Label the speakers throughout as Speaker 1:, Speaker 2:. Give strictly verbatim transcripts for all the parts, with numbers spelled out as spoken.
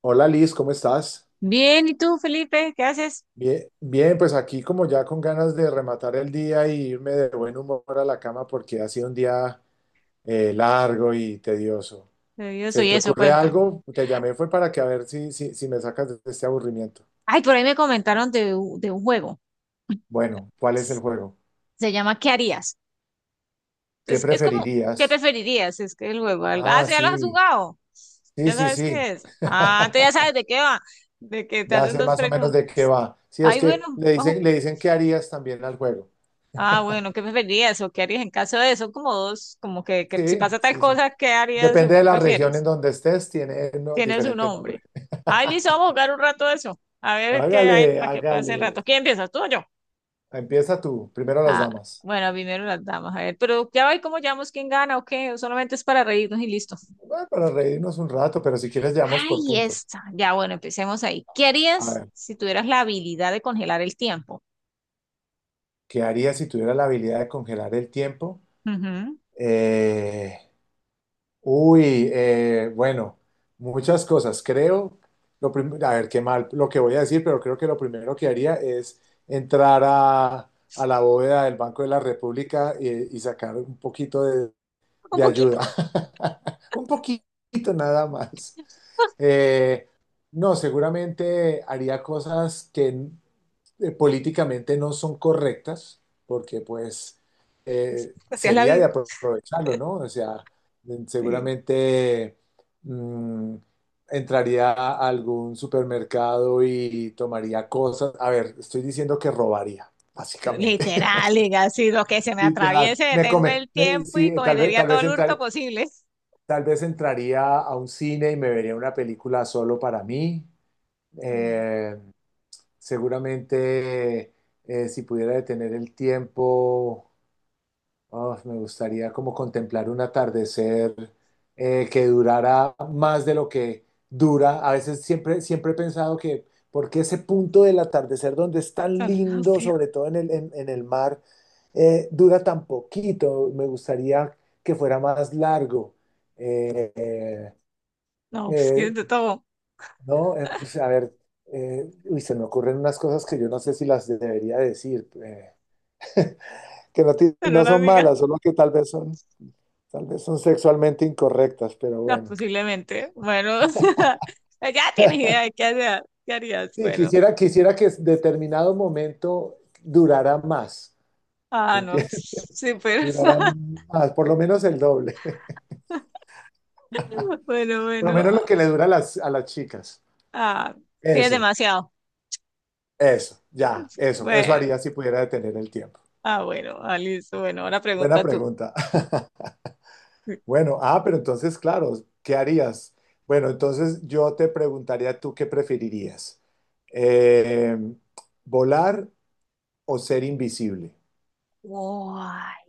Speaker 1: Hola Liz, ¿cómo estás?
Speaker 2: Bien, ¿y tú, Felipe? ¿Qué haces?
Speaker 1: Bien, bien, pues aquí como ya con ganas de rematar el día y irme de buen humor a la cama porque ha sido un día eh, largo y tedioso.
Speaker 2: Eh, Yo
Speaker 1: ¿Se
Speaker 2: soy
Speaker 1: te
Speaker 2: eso,
Speaker 1: ocurre
Speaker 2: cuéntame.
Speaker 1: algo? Te llamé fue para que a ver si, si, si me sacas de este aburrimiento.
Speaker 2: Ay, por ahí me comentaron de, u- de un juego.
Speaker 1: Bueno, ¿cuál es el juego?
Speaker 2: Se llama ¿Qué harías?
Speaker 1: ¿Qué
Speaker 2: Entonces, es como, ¿qué
Speaker 1: preferirías?
Speaker 2: preferirías? Es que el juego, algo. Ah,
Speaker 1: Ah,
Speaker 2: sí, ya lo has
Speaker 1: sí,
Speaker 2: jugado.
Speaker 1: sí,
Speaker 2: Ya
Speaker 1: sí,
Speaker 2: sabes
Speaker 1: sí.
Speaker 2: qué es. Ah, entonces ya sabes de qué va. De que te
Speaker 1: Ya
Speaker 2: hacen
Speaker 1: sé
Speaker 2: dos
Speaker 1: más o menos
Speaker 2: preguntas.
Speaker 1: de qué va. Sí, es
Speaker 2: Ay,
Speaker 1: que
Speaker 2: bueno,
Speaker 1: le
Speaker 2: ojo.
Speaker 1: dicen, le dicen qué harías también al juego.
Speaker 2: Ah, bueno, ¿qué preferirías o qué harías en caso de eso? Como dos, como que, que si
Speaker 1: Sí,
Speaker 2: pasa tal
Speaker 1: sí, sí.
Speaker 2: cosa, ¿qué harías o
Speaker 1: Depende de
Speaker 2: qué
Speaker 1: la región en
Speaker 2: prefieres?
Speaker 1: donde estés, tiene no,
Speaker 2: Tiene su
Speaker 1: diferente nombre.
Speaker 2: nombre. Ay, listo, vamos a jugar un rato eso. A ver qué hay
Speaker 1: Hágale,
Speaker 2: para que pase el rato.
Speaker 1: hágale.
Speaker 2: ¿Quién empieza? ¿Tú o yo?
Speaker 1: Empieza tú, primero las
Speaker 2: Ah,
Speaker 1: damas.
Speaker 2: bueno, primero las damas, a ver, pero ya va y cómo llamamos quién gana o qué, o solamente es para reírnos y listo.
Speaker 1: Bueno, para reírnos un rato, pero si quieres, llevamos por
Speaker 2: Ay,
Speaker 1: puntos.
Speaker 2: esta. Ya, bueno, empecemos ahí. ¿Qué
Speaker 1: A
Speaker 2: harías
Speaker 1: ver,
Speaker 2: si tuvieras la habilidad de congelar el tiempo?
Speaker 1: ¿qué haría si tuviera la habilidad de congelar el tiempo?
Speaker 2: Ujú.
Speaker 1: Eh, uy, eh, bueno, muchas cosas. Creo, lo prim- a ver, qué mal lo que voy a decir, pero creo que lo primero que haría es entrar a, a la bóveda del Banco de la República y, y sacar un poquito de,
Speaker 2: Un
Speaker 1: de
Speaker 2: poquito,
Speaker 1: ayuda. Un poquito nada más. Eh, no, seguramente haría cosas que eh, políticamente no son correctas, porque pues eh,
Speaker 2: así es la
Speaker 1: sería de
Speaker 2: vida.
Speaker 1: apro- aprovecharlo, ¿no? O sea, mm,
Speaker 2: Sí.
Speaker 1: seguramente mm, entraría a algún supermercado y tomaría cosas. A ver, estoy diciendo que robaría, básicamente.
Speaker 2: Literal, diga, si lo que se me
Speaker 1: Literal.
Speaker 2: atraviese,
Speaker 1: Me
Speaker 2: detengo
Speaker 1: come.
Speaker 2: el
Speaker 1: Me-
Speaker 2: tiempo y
Speaker 1: sí, tal vez,
Speaker 2: cometería
Speaker 1: tal
Speaker 2: todo
Speaker 1: vez
Speaker 2: el hurto
Speaker 1: entrar-
Speaker 2: posible.
Speaker 1: tal vez entraría a un cine y me vería una película solo para mí.
Speaker 2: Ay,
Speaker 1: Eh, Seguramente eh, si pudiera detener el tiempo, oh, me gustaría como contemplar un atardecer eh, que durara más de lo que dura. A veces siempre, siempre he pensado que porque ese punto del atardecer donde es tan
Speaker 2: tan
Speaker 1: lindo,
Speaker 2: rápido.
Speaker 1: sobre todo en el, en, en el mar, eh, dura tan poquito. Me gustaría que fuera más largo. Eh, eh,
Speaker 2: No, pues que
Speaker 1: eh,
Speaker 2: de todo,
Speaker 1: no, eh, pues, a ver, eh, uy, se me ocurren unas cosas que yo no sé si las debería decir, eh, que no, ti-
Speaker 2: pero
Speaker 1: no
Speaker 2: la
Speaker 1: son
Speaker 2: diga,
Speaker 1: malas, solo que tal vez son, tal vez son sexualmente incorrectas, pero
Speaker 2: no,
Speaker 1: bueno.
Speaker 2: posiblemente. Bueno, ya tienes idea de qué hacer, qué harías,
Speaker 1: Sí,
Speaker 2: bueno.
Speaker 1: quisiera, quisiera que determinado momento durara más,
Speaker 2: Ah,
Speaker 1: ¿me
Speaker 2: no,
Speaker 1: entiendes?
Speaker 2: pues, sí, pero
Speaker 1: Durara más, por lo menos el doble,
Speaker 2: bueno,
Speaker 1: por lo menos
Speaker 2: bueno.
Speaker 1: lo que le dura a las, a las chicas.
Speaker 2: Ah, sí, es
Speaker 1: Eso,
Speaker 2: demasiado.
Speaker 1: eso, ya, eso, eso
Speaker 2: Bueno,
Speaker 1: haría si pudiera detener el tiempo.
Speaker 2: ah, bueno, ah, listo. Bueno, ahora
Speaker 1: Buena
Speaker 2: pregunta tú.
Speaker 1: pregunta. Bueno, ah, pero entonces, claro, ¿qué harías? Bueno, entonces yo te preguntaría tú qué preferirías. Eh, Volar o ser invisible.
Speaker 2: Guay,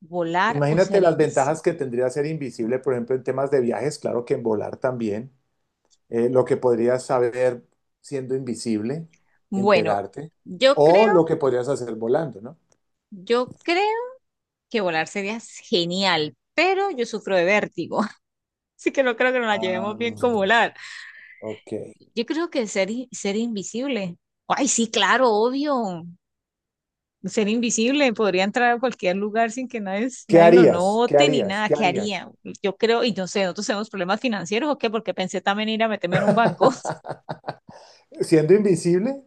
Speaker 2: ¿volar o
Speaker 1: Imagínate
Speaker 2: ser
Speaker 1: las
Speaker 2: invisible?
Speaker 1: ventajas que tendría ser invisible, por ejemplo, en temas de viajes, claro que en volar también, eh, lo que podrías saber siendo invisible,
Speaker 2: Bueno,
Speaker 1: enterarte,
Speaker 2: yo creo,
Speaker 1: o lo que podrías hacer volando, ¿no?
Speaker 2: yo creo que volar sería genial, pero yo sufro de vértigo. Así que no creo que nos la
Speaker 1: Ah,
Speaker 2: llevemos bien con volar.
Speaker 1: ok.
Speaker 2: Yo creo que ser, i- ser invisible. Ay, sí, claro, obvio. Ser invisible, podría entrar a cualquier lugar sin que nadie,
Speaker 1: ¿Qué
Speaker 2: nadie lo
Speaker 1: harías? ¿Qué
Speaker 2: note ni
Speaker 1: harías?
Speaker 2: nada.
Speaker 1: ¿Qué
Speaker 2: ¿Qué
Speaker 1: harías?
Speaker 2: haría? Yo creo, y no sé, nosotros tenemos problemas financieros o qué, porque pensé también ir a meterme en un banco.
Speaker 1: Siendo invisible,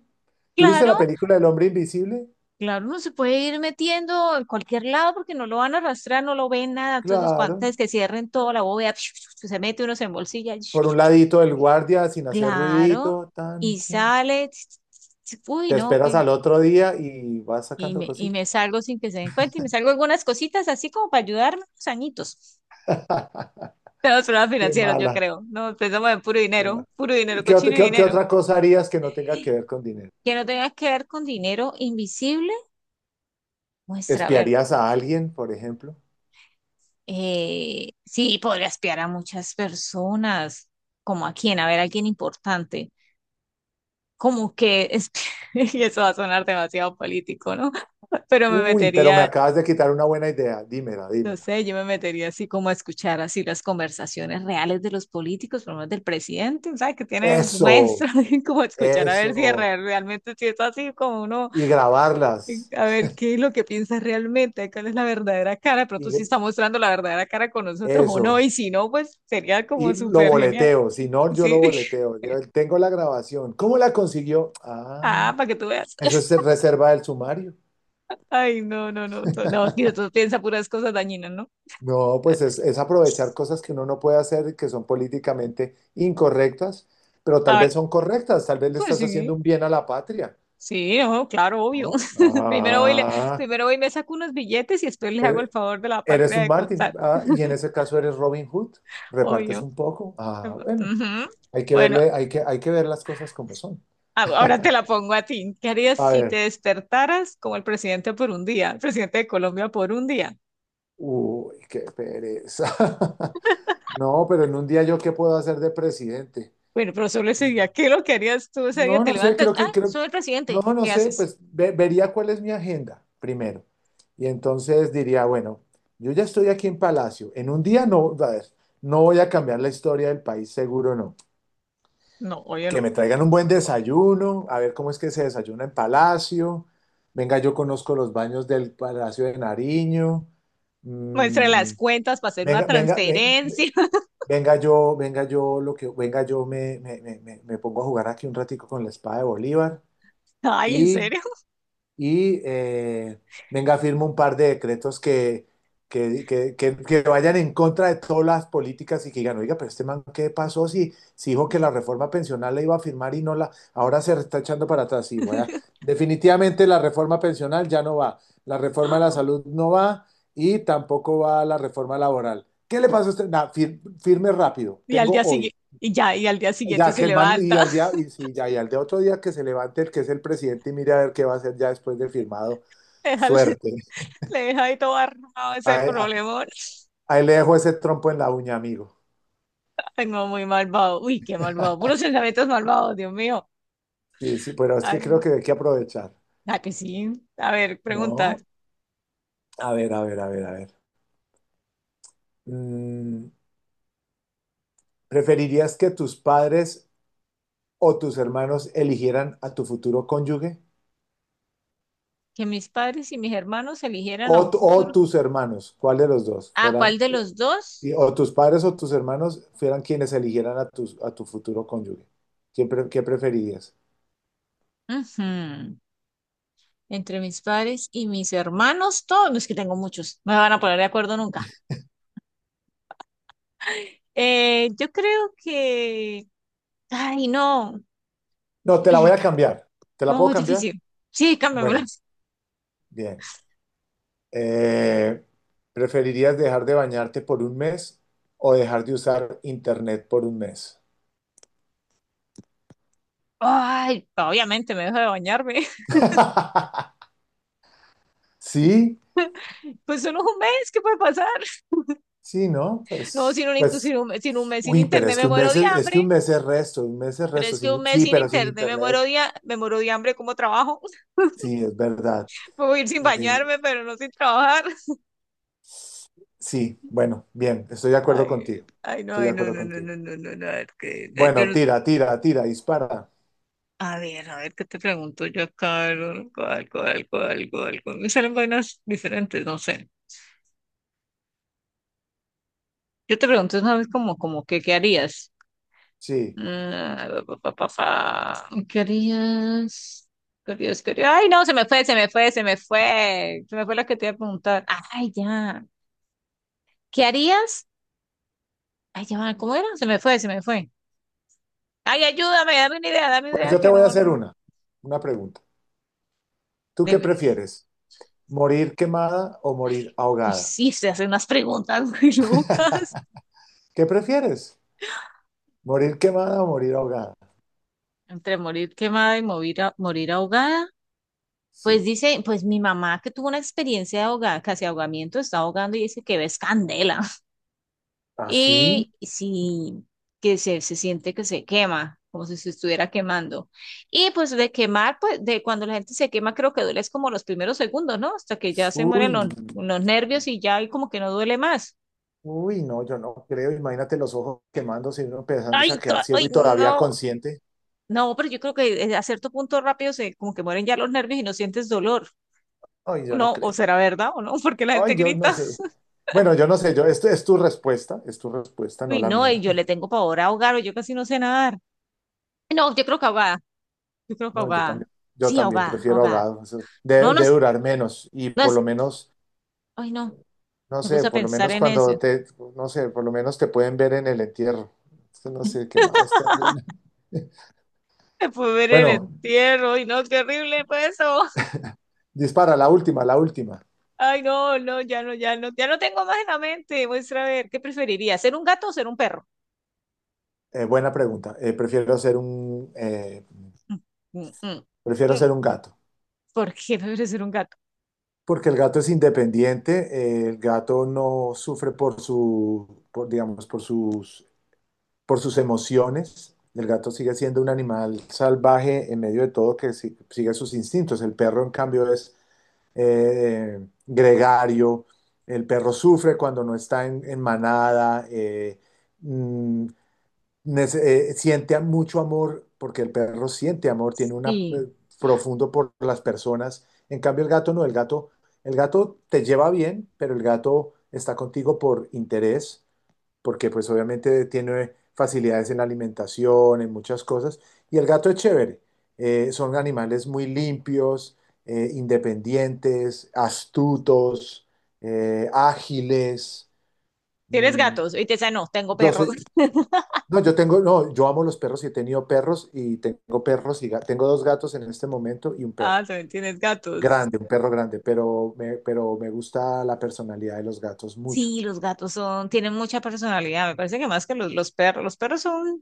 Speaker 1: ¿tuviste
Speaker 2: Claro,
Speaker 1: la película del hombre invisible?
Speaker 2: claro, uno se puede ir metiendo en cualquier lado porque no lo van a arrastrar, no lo ven nada. Entonces, cuan-
Speaker 1: Claro.
Speaker 2: antes que cierren toda la bóveda, se mete uno, se embolsilla.
Speaker 1: Por un ladito del guardia sin hacer
Speaker 2: Claro,
Speaker 1: ruidito, tan,
Speaker 2: y
Speaker 1: tan.
Speaker 2: sale. Uy,
Speaker 1: Te
Speaker 2: no,
Speaker 1: esperas
Speaker 2: qué.
Speaker 1: al otro día y vas
Speaker 2: Y
Speaker 1: sacando
Speaker 2: me, y me
Speaker 1: cositas.
Speaker 2: salgo sin que se den cuenta y me salgo algunas cositas así como para ayudarme unos añitos. Todos problemas
Speaker 1: Qué
Speaker 2: financieros, yo
Speaker 1: mala,
Speaker 2: creo. No, pensamos en puro
Speaker 1: qué mala.
Speaker 2: dinero, puro
Speaker 1: ¿Y
Speaker 2: dinero,
Speaker 1: ¿Qué, ot-
Speaker 2: cochino
Speaker 1: qué- qué
Speaker 2: dinero.
Speaker 1: otra cosa harías que no tenga que ver con dinero?
Speaker 2: Que no tengas que ver con dinero invisible. Muestra, a ver.
Speaker 1: ¿Espiarías a alguien, por ejemplo?
Speaker 2: Eh, sí, podría espiar a muchas personas. ¿Como a quién? A ver, a alguien importante. Como que, esp- y eso va a sonar demasiado político, ¿no? Pero me
Speaker 1: Uy, pero me
Speaker 2: metería,
Speaker 1: acabas de quitar una buena idea. Dímela,
Speaker 2: no
Speaker 1: dímela.
Speaker 2: sé, yo me metería así como a escuchar así las conversaciones reales de los políticos, por lo menos del presidente, ¿sabes? Que tienen
Speaker 1: Eso,
Speaker 2: muestras, como escuchar a ver si es
Speaker 1: eso.
Speaker 2: re- realmente si es así como uno
Speaker 1: Y
Speaker 2: eh,
Speaker 1: grabarlas.
Speaker 2: a ver, ¿qué es lo que piensas realmente? ¿Cuál es la verdadera cara? Pero
Speaker 1: Y
Speaker 2: tú sí
Speaker 1: gr-
Speaker 2: está mostrando la verdadera cara con nosotros o no,
Speaker 1: Eso.
Speaker 2: y si no, pues sería como
Speaker 1: Y lo
Speaker 2: súper genial.
Speaker 1: boleteo, si no, yo lo
Speaker 2: Sí.
Speaker 1: boleteo. Yo tengo la grabación. ¿Cómo la consiguió? Ah,
Speaker 2: Ah, para que tú veas.
Speaker 1: eso es reserva del sumario.
Speaker 2: Ay, no, no, no. tú- No, mira, tú piensas puras cosas dañinas, ¿no?
Speaker 1: No, pues es, es aprovechar cosas que uno no puede hacer, y que son políticamente incorrectas, pero
Speaker 2: A
Speaker 1: tal
Speaker 2: ver,
Speaker 1: vez son correctas, tal vez le
Speaker 2: pues
Speaker 1: estás
Speaker 2: sí.
Speaker 1: haciendo un bien a la patria,
Speaker 2: Sí, no, claro, obvio.
Speaker 1: ¿no?
Speaker 2: Primero voy, y le,
Speaker 1: Ah,
Speaker 2: primero voy y me saco unos billetes y después les hago el
Speaker 1: er-
Speaker 2: favor de la
Speaker 1: eres
Speaker 2: patria
Speaker 1: un
Speaker 2: de
Speaker 1: Martin,
Speaker 2: contar.
Speaker 1: ah, y en ese caso eres Robin Hood, repartes
Speaker 2: Obvio.
Speaker 1: un poco. Ah, bueno,
Speaker 2: Ujú.
Speaker 1: hay que
Speaker 2: Bueno.
Speaker 1: verle, hay que, hay que ver las cosas como son.
Speaker 2: Ah, ahora te la pongo a ti. ¿Qué harías
Speaker 1: A
Speaker 2: si te
Speaker 1: ver.
Speaker 2: despertaras como el presidente por un día, el presidente de Colombia por un día?
Speaker 1: Uy, qué pereza. No, pero en un día yo qué puedo hacer de presidente.
Speaker 2: Bueno, pero solo ese día, ¿qué es lo que harías tú ese día?
Speaker 1: No,
Speaker 2: Te
Speaker 1: no sé,
Speaker 2: levantas,
Speaker 1: creo
Speaker 2: ah,
Speaker 1: que, creo,
Speaker 2: soy el
Speaker 1: no,
Speaker 2: presidente,
Speaker 1: no
Speaker 2: ¿qué
Speaker 1: sé,
Speaker 2: haces?
Speaker 1: pues ve- vería cuál es mi agenda primero. Y entonces diría, bueno, yo ya estoy aquí en Palacio. En un día no, a ver, no voy a cambiar la historia del país, seguro no.
Speaker 2: No, oye,
Speaker 1: Que
Speaker 2: no.
Speaker 1: me traigan un buen desayuno, a ver cómo es que se desayuna en Palacio. Venga, yo conozco los baños del Palacio de Nariño.
Speaker 2: Muestra
Speaker 1: Mm,
Speaker 2: las cuentas para hacer una
Speaker 1: venga, venga, ve-
Speaker 2: transferencia.
Speaker 1: Venga yo, venga yo, lo que, venga yo me, me, me, me- me pongo a jugar aquí un ratico con la espada de Bolívar
Speaker 2: Ay, ¿en
Speaker 1: y
Speaker 2: serio?
Speaker 1: y eh, venga, firma un par de decretos que, que, que- que- que vayan en contra de todas las políticas y que digan, oiga, pero este man, ¿qué pasó si, si dijo que la
Speaker 2: Ele-
Speaker 1: reforma pensional la iba a firmar y no la, ahora se está echando para atrás? Sí, voy a- definitivamente la reforma pensional ya no va, la reforma de la salud no va y tampoco va la reforma laboral. ¿Qué le pasa a usted? Nah, fir- firme rápido,
Speaker 2: Y al
Speaker 1: tengo
Speaker 2: día
Speaker 1: hoy.
Speaker 2: siguiente, y ya, y al día siguiente
Speaker 1: Ya que
Speaker 2: se
Speaker 1: el man, y
Speaker 2: levanta,
Speaker 1: al día, y sí, ya, y al de otro día que se levante el que es el presidente y mire a ver qué va a hacer ya después de firmado,
Speaker 2: deja-
Speaker 1: suerte.
Speaker 2: le deja ahí todo armado ese
Speaker 1: Ahí, a-
Speaker 2: problemón.
Speaker 1: Ahí le dejo ese trompo en la uña, amigo.
Speaker 2: Ay, no, muy malvado. Uy, qué malvado. Puros pensamientos malvados, Dios mío.
Speaker 1: Sí, sí, pero es que creo
Speaker 2: Ay.
Speaker 1: que hay que aprovechar.
Speaker 2: Ah, que sí. A ver, pregunta.
Speaker 1: No, a ver, a ver, a ver, a ver. Mm, ¿preferirías que tus padres o tus hermanos eligieran a tu futuro cónyuge?
Speaker 2: Que mis padres y mis hermanos eligieran
Speaker 1: O,
Speaker 2: a un
Speaker 1: tu- o
Speaker 2: futuro.
Speaker 1: tus hermanos, ¿cuál de los dos?
Speaker 2: ¿A cuál de los dos?
Speaker 1: Y o tus padres o tus hermanos fueran quienes eligieran a tu, a tu futuro cónyuge. ¿Qué, pre- ¿qué preferirías?
Speaker 2: Ujú. Entre mis padres y mis hermanos, todos, no es que tengo muchos, no me van a poner de acuerdo nunca. Eh, yo creo que. Ay, no.
Speaker 1: No, te la voy a cambiar. ¿Te la
Speaker 2: No,
Speaker 1: puedo
Speaker 2: muy
Speaker 1: cambiar?
Speaker 2: difícil. Sí, cámbiamela.
Speaker 1: Bueno, bien. Eh, ¿Preferirías dejar de bañarte por un mes o dejar de usar internet por un mes?
Speaker 2: Ay, obviamente me dejo de bañarme.
Speaker 1: Sí,
Speaker 2: Pues solo es un mes, ¿qué puede pasar?
Speaker 1: sí, ¿no?
Speaker 2: No, sin
Speaker 1: Pues,
Speaker 2: un, intu-
Speaker 1: pues,
Speaker 2: sin un, sin un mes sin
Speaker 1: uy, pero
Speaker 2: internet
Speaker 1: es
Speaker 2: me
Speaker 1: que un
Speaker 2: muero
Speaker 1: mes
Speaker 2: de
Speaker 1: es, es que
Speaker 2: hambre.
Speaker 1: un mes es resto, un mes es
Speaker 2: Pero
Speaker 1: resto.
Speaker 2: es que un
Speaker 1: Sin,
Speaker 2: mes
Speaker 1: sí,
Speaker 2: sin
Speaker 1: pero sin
Speaker 2: internet me muero
Speaker 1: internet,
Speaker 2: de, ha- me muero de hambre, ¿cómo trabajo?
Speaker 1: sí, es verdad.
Speaker 2: Puedo ir sin
Speaker 1: Eh,
Speaker 2: bañarme, pero no sin trabajar.
Speaker 1: Sí, bueno, bien, estoy de acuerdo
Speaker 2: Ay,
Speaker 1: contigo.
Speaker 2: ay, no,
Speaker 1: Estoy de
Speaker 2: ay, no,
Speaker 1: acuerdo
Speaker 2: no, no,
Speaker 1: contigo.
Speaker 2: no, no, no, no, a ver, que, eh, yo
Speaker 1: Bueno,
Speaker 2: no-
Speaker 1: tira, tira, tira, dispara.
Speaker 2: a ver, a ver, ¿qué te pregunto yo acá? Algo, algo, algo, algo, algo. Me salen vainas diferentes, no sé. Yo te pregunto una vez como, como que, ¿qué harías?
Speaker 1: Sí.
Speaker 2: Ah, pa, pa, pa, pa. ¿Qué harías? ¿Qué harías? ¿Qué harías? Ay, no, se me fue, se me fue, se me fue. Se me fue la que te iba a preguntar. Ay, ya. ¿Qué harías? Ay, ya, va, ¿cómo era? Se me fue, se me fue. Ay, ayúdame, dame una idea, dame una
Speaker 1: Pues
Speaker 2: idea
Speaker 1: yo te
Speaker 2: que
Speaker 1: voy a
Speaker 2: no,
Speaker 1: hacer
Speaker 2: no.
Speaker 1: una, una pregunta. ¿Tú qué
Speaker 2: Dime,
Speaker 1: prefieres? ¿Morir quemada o morir
Speaker 2: uy,
Speaker 1: ahogada?
Speaker 2: sí se hacer unas preguntas muy locas.
Speaker 1: ¿Qué prefieres? ¿Morir quemada o morir ahogada?
Speaker 2: Entre morir quemada y morir, a- morir ahogada. Pues
Speaker 1: Sí.
Speaker 2: dice, pues mi mamá que tuvo una experiencia de ahogada, casi ahogamiento, está ahogando y dice que ves candela.
Speaker 1: ¿Así?
Speaker 2: Y sí, que se, se siente que se quema, como si se estuviera quemando. Y pues de quemar, pues de cuando la gente se quema, creo que duele es como los primeros segundos, ¿no? Hasta que ya se
Speaker 1: Uy,
Speaker 2: mueren los, los nervios y ya y como que no duele más.
Speaker 1: uy, no, yo no creo. Imagínate los ojos quemándose y uno
Speaker 2: Ay,
Speaker 1: empezándose a quedar
Speaker 2: ca-
Speaker 1: ciego
Speaker 2: ay,
Speaker 1: y todavía
Speaker 2: no.
Speaker 1: consciente.
Speaker 2: No, pero yo creo que eh, a cierto punto rápido se como que mueren ya los nervios y no sientes dolor.
Speaker 1: Ay, yo
Speaker 2: No,
Speaker 1: no
Speaker 2: o
Speaker 1: creo.
Speaker 2: será verdad o no, porque la
Speaker 1: Ay,
Speaker 2: gente
Speaker 1: yo no
Speaker 2: grita.
Speaker 1: sé. Bueno, yo no sé, yo, esto es tu respuesta, es tu respuesta, no
Speaker 2: Uy,
Speaker 1: la
Speaker 2: no,
Speaker 1: mía.
Speaker 2: y yo le tengo pavor a ahogar o yo casi no sé nadar. No, yo creo que ahogada. Yo creo que
Speaker 1: No, yo
Speaker 2: ahogada.
Speaker 1: también, yo
Speaker 2: Sí,
Speaker 1: también
Speaker 2: ahogada,
Speaker 1: prefiero
Speaker 2: ahogada.
Speaker 1: ahogado. Eso de
Speaker 2: No, no
Speaker 1: debe
Speaker 2: es,
Speaker 1: durar menos y
Speaker 2: no
Speaker 1: por
Speaker 2: es.
Speaker 1: lo menos,
Speaker 2: Ay, no,
Speaker 1: no
Speaker 2: me
Speaker 1: sé,
Speaker 2: puse a
Speaker 1: por lo
Speaker 2: pensar
Speaker 1: menos
Speaker 2: en eso.
Speaker 1: cuando te, no sé, por lo menos te pueden ver en el entierro. Es no sé, quemado es terrible.
Speaker 2: Me pude ver el
Speaker 1: Bueno,
Speaker 2: entierro y no, qué horrible fue eso.
Speaker 1: dispara, la última, la última.
Speaker 2: Ay, no, no, ya no, ya no, ya no tengo más en la mente. Muestra a ver, ¿qué preferiría? ¿Ser un gato o ser un perro?
Speaker 1: Eh, buena pregunta. Eh, prefiero ser un, eh,
Speaker 2: Mm, mm, mm,
Speaker 1: prefiero
Speaker 2: mm.
Speaker 1: ser un gato,
Speaker 2: ¿Por qué prefiero ser un gato?
Speaker 1: porque el gato es independiente, eh, el gato no sufre por su, por, digamos, por sus por sus emociones. El gato sigue siendo un animal salvaje en medio de todo que si- sigue sus instintos. El perro, en cambio, es eh, gregario. El perro sufre cuando no está en, en manada. eh, mm, nece- eh, Siente mucho amor porque el perro siente amor, tiene un
Speaker 2: Sí.
Speaker 1: profundo por las personas. En cambio, el gato no. El gato, el gato te lleva bien, pero el gato está contigo por interés porque pues obviamente tiene facilidades en la alimentación, en muchas cosas, y el gato es chévere. Eh, son animales muy limpios, eh, independientes, astutos, eh, ágiles.
Speaker 2: ¿Tienes
Speaker 1: Mm,
Speaker 2: gatos? Y te dice, no, tengo
Speaker 1: yo soy,
Speaker 2: perros.
Speaker 1: no, yo tengo, no, yo amo los perros y he tenido perros y tengo perros y ga- tengo dos gatos en este momento y un
Speaker 2: Ah,
Speaker 1: perro
Speaker 2: también tienes gatos.
Speaker 1: grande, un perro grande, pero me, pero me gusta la personalidad de los gatos mucho.
Speaker 2: Sí, los gatos son, tienen mucha personalidad. Me parece que más que los, los perros, los perros son,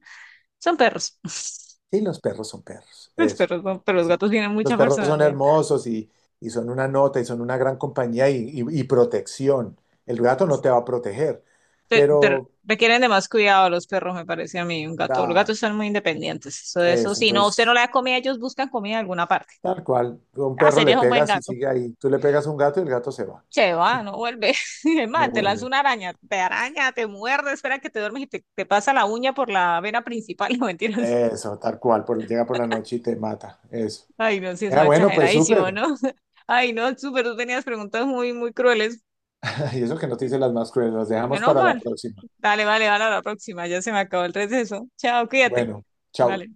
Speaker 2: son perros.
Speaker 1: Sí, los perros son perros,
Speaker 2: Los
Speaker 1: eso.
Speaker 2: perros son, pero los
Speaker 1: Así.
Speaker 2: gatos tienen
Speaker 1: Los
Speaker 2: mucha
Speaker 1: perros son
Speaker 2: personalidad.
Speaker 1: hermosos y, y son una nota y son una gran compañía y, y- y protección. El gato no te va a proteger,
Speaker 2: Pe- pero
Speaker 1: pero
Speaker 2: requieren de más cuidado los perros, me parece a mí. Un gato, los
Speaker 1: ah,
Speaker 2: gatos son muy independientes. Eso, eso,
Speaker 1: eso,
Speaker 2: si no, usted no
Speaker 1: entonces,
Speaker 2: le da comida, ellos buscan comida en alguna parte.
Speaker 1: tal cual, tú a un
Speaker 2: Ah,
Speaker 1: perro le
Speaker 2: serías un buen
Speaker 1: pegas y
Speaker 2: gato.
Speaker 1: sigue ahí. Tú le pegas a un gato y el gato se va,
Speaker 2: Se va, no vuelve. Es
Speaker 1: no
Speaker 2: más, te lanza
Speaker 1: vuelve.
Speaker 2: una araña, te araña, te muerde, espera que te duermes y te, te pasa la uña por la vena principal. No mentiras.
Speaker 1: Eso, tal cual, por, llega por la noche y te mata, eso.
Speaker 2: Ay, no, sí, eso
Speaker 1: Ah,
Speaker 2: es
Speaker 1: bueno, pues
Speaker 2: exageradísimo,
Speaker 1: súper.
Speaker 2: ¿no? Ay, no, súper, tú tenías preguntas muy, muy crueles.
Speaker 1: Y eso que no te hice las más crueles, las dejamos
Speaker 2: Menos
Speaker 1: para la
Speaker 2: mal.
Speaker 1: próxima.
Speaker 2: Dale, vale, vale, a la próxima. Ya se me acabó el receso. Chao, cuídate.
Speaker 1: Bueno, chao.
Speaker 2: Vale.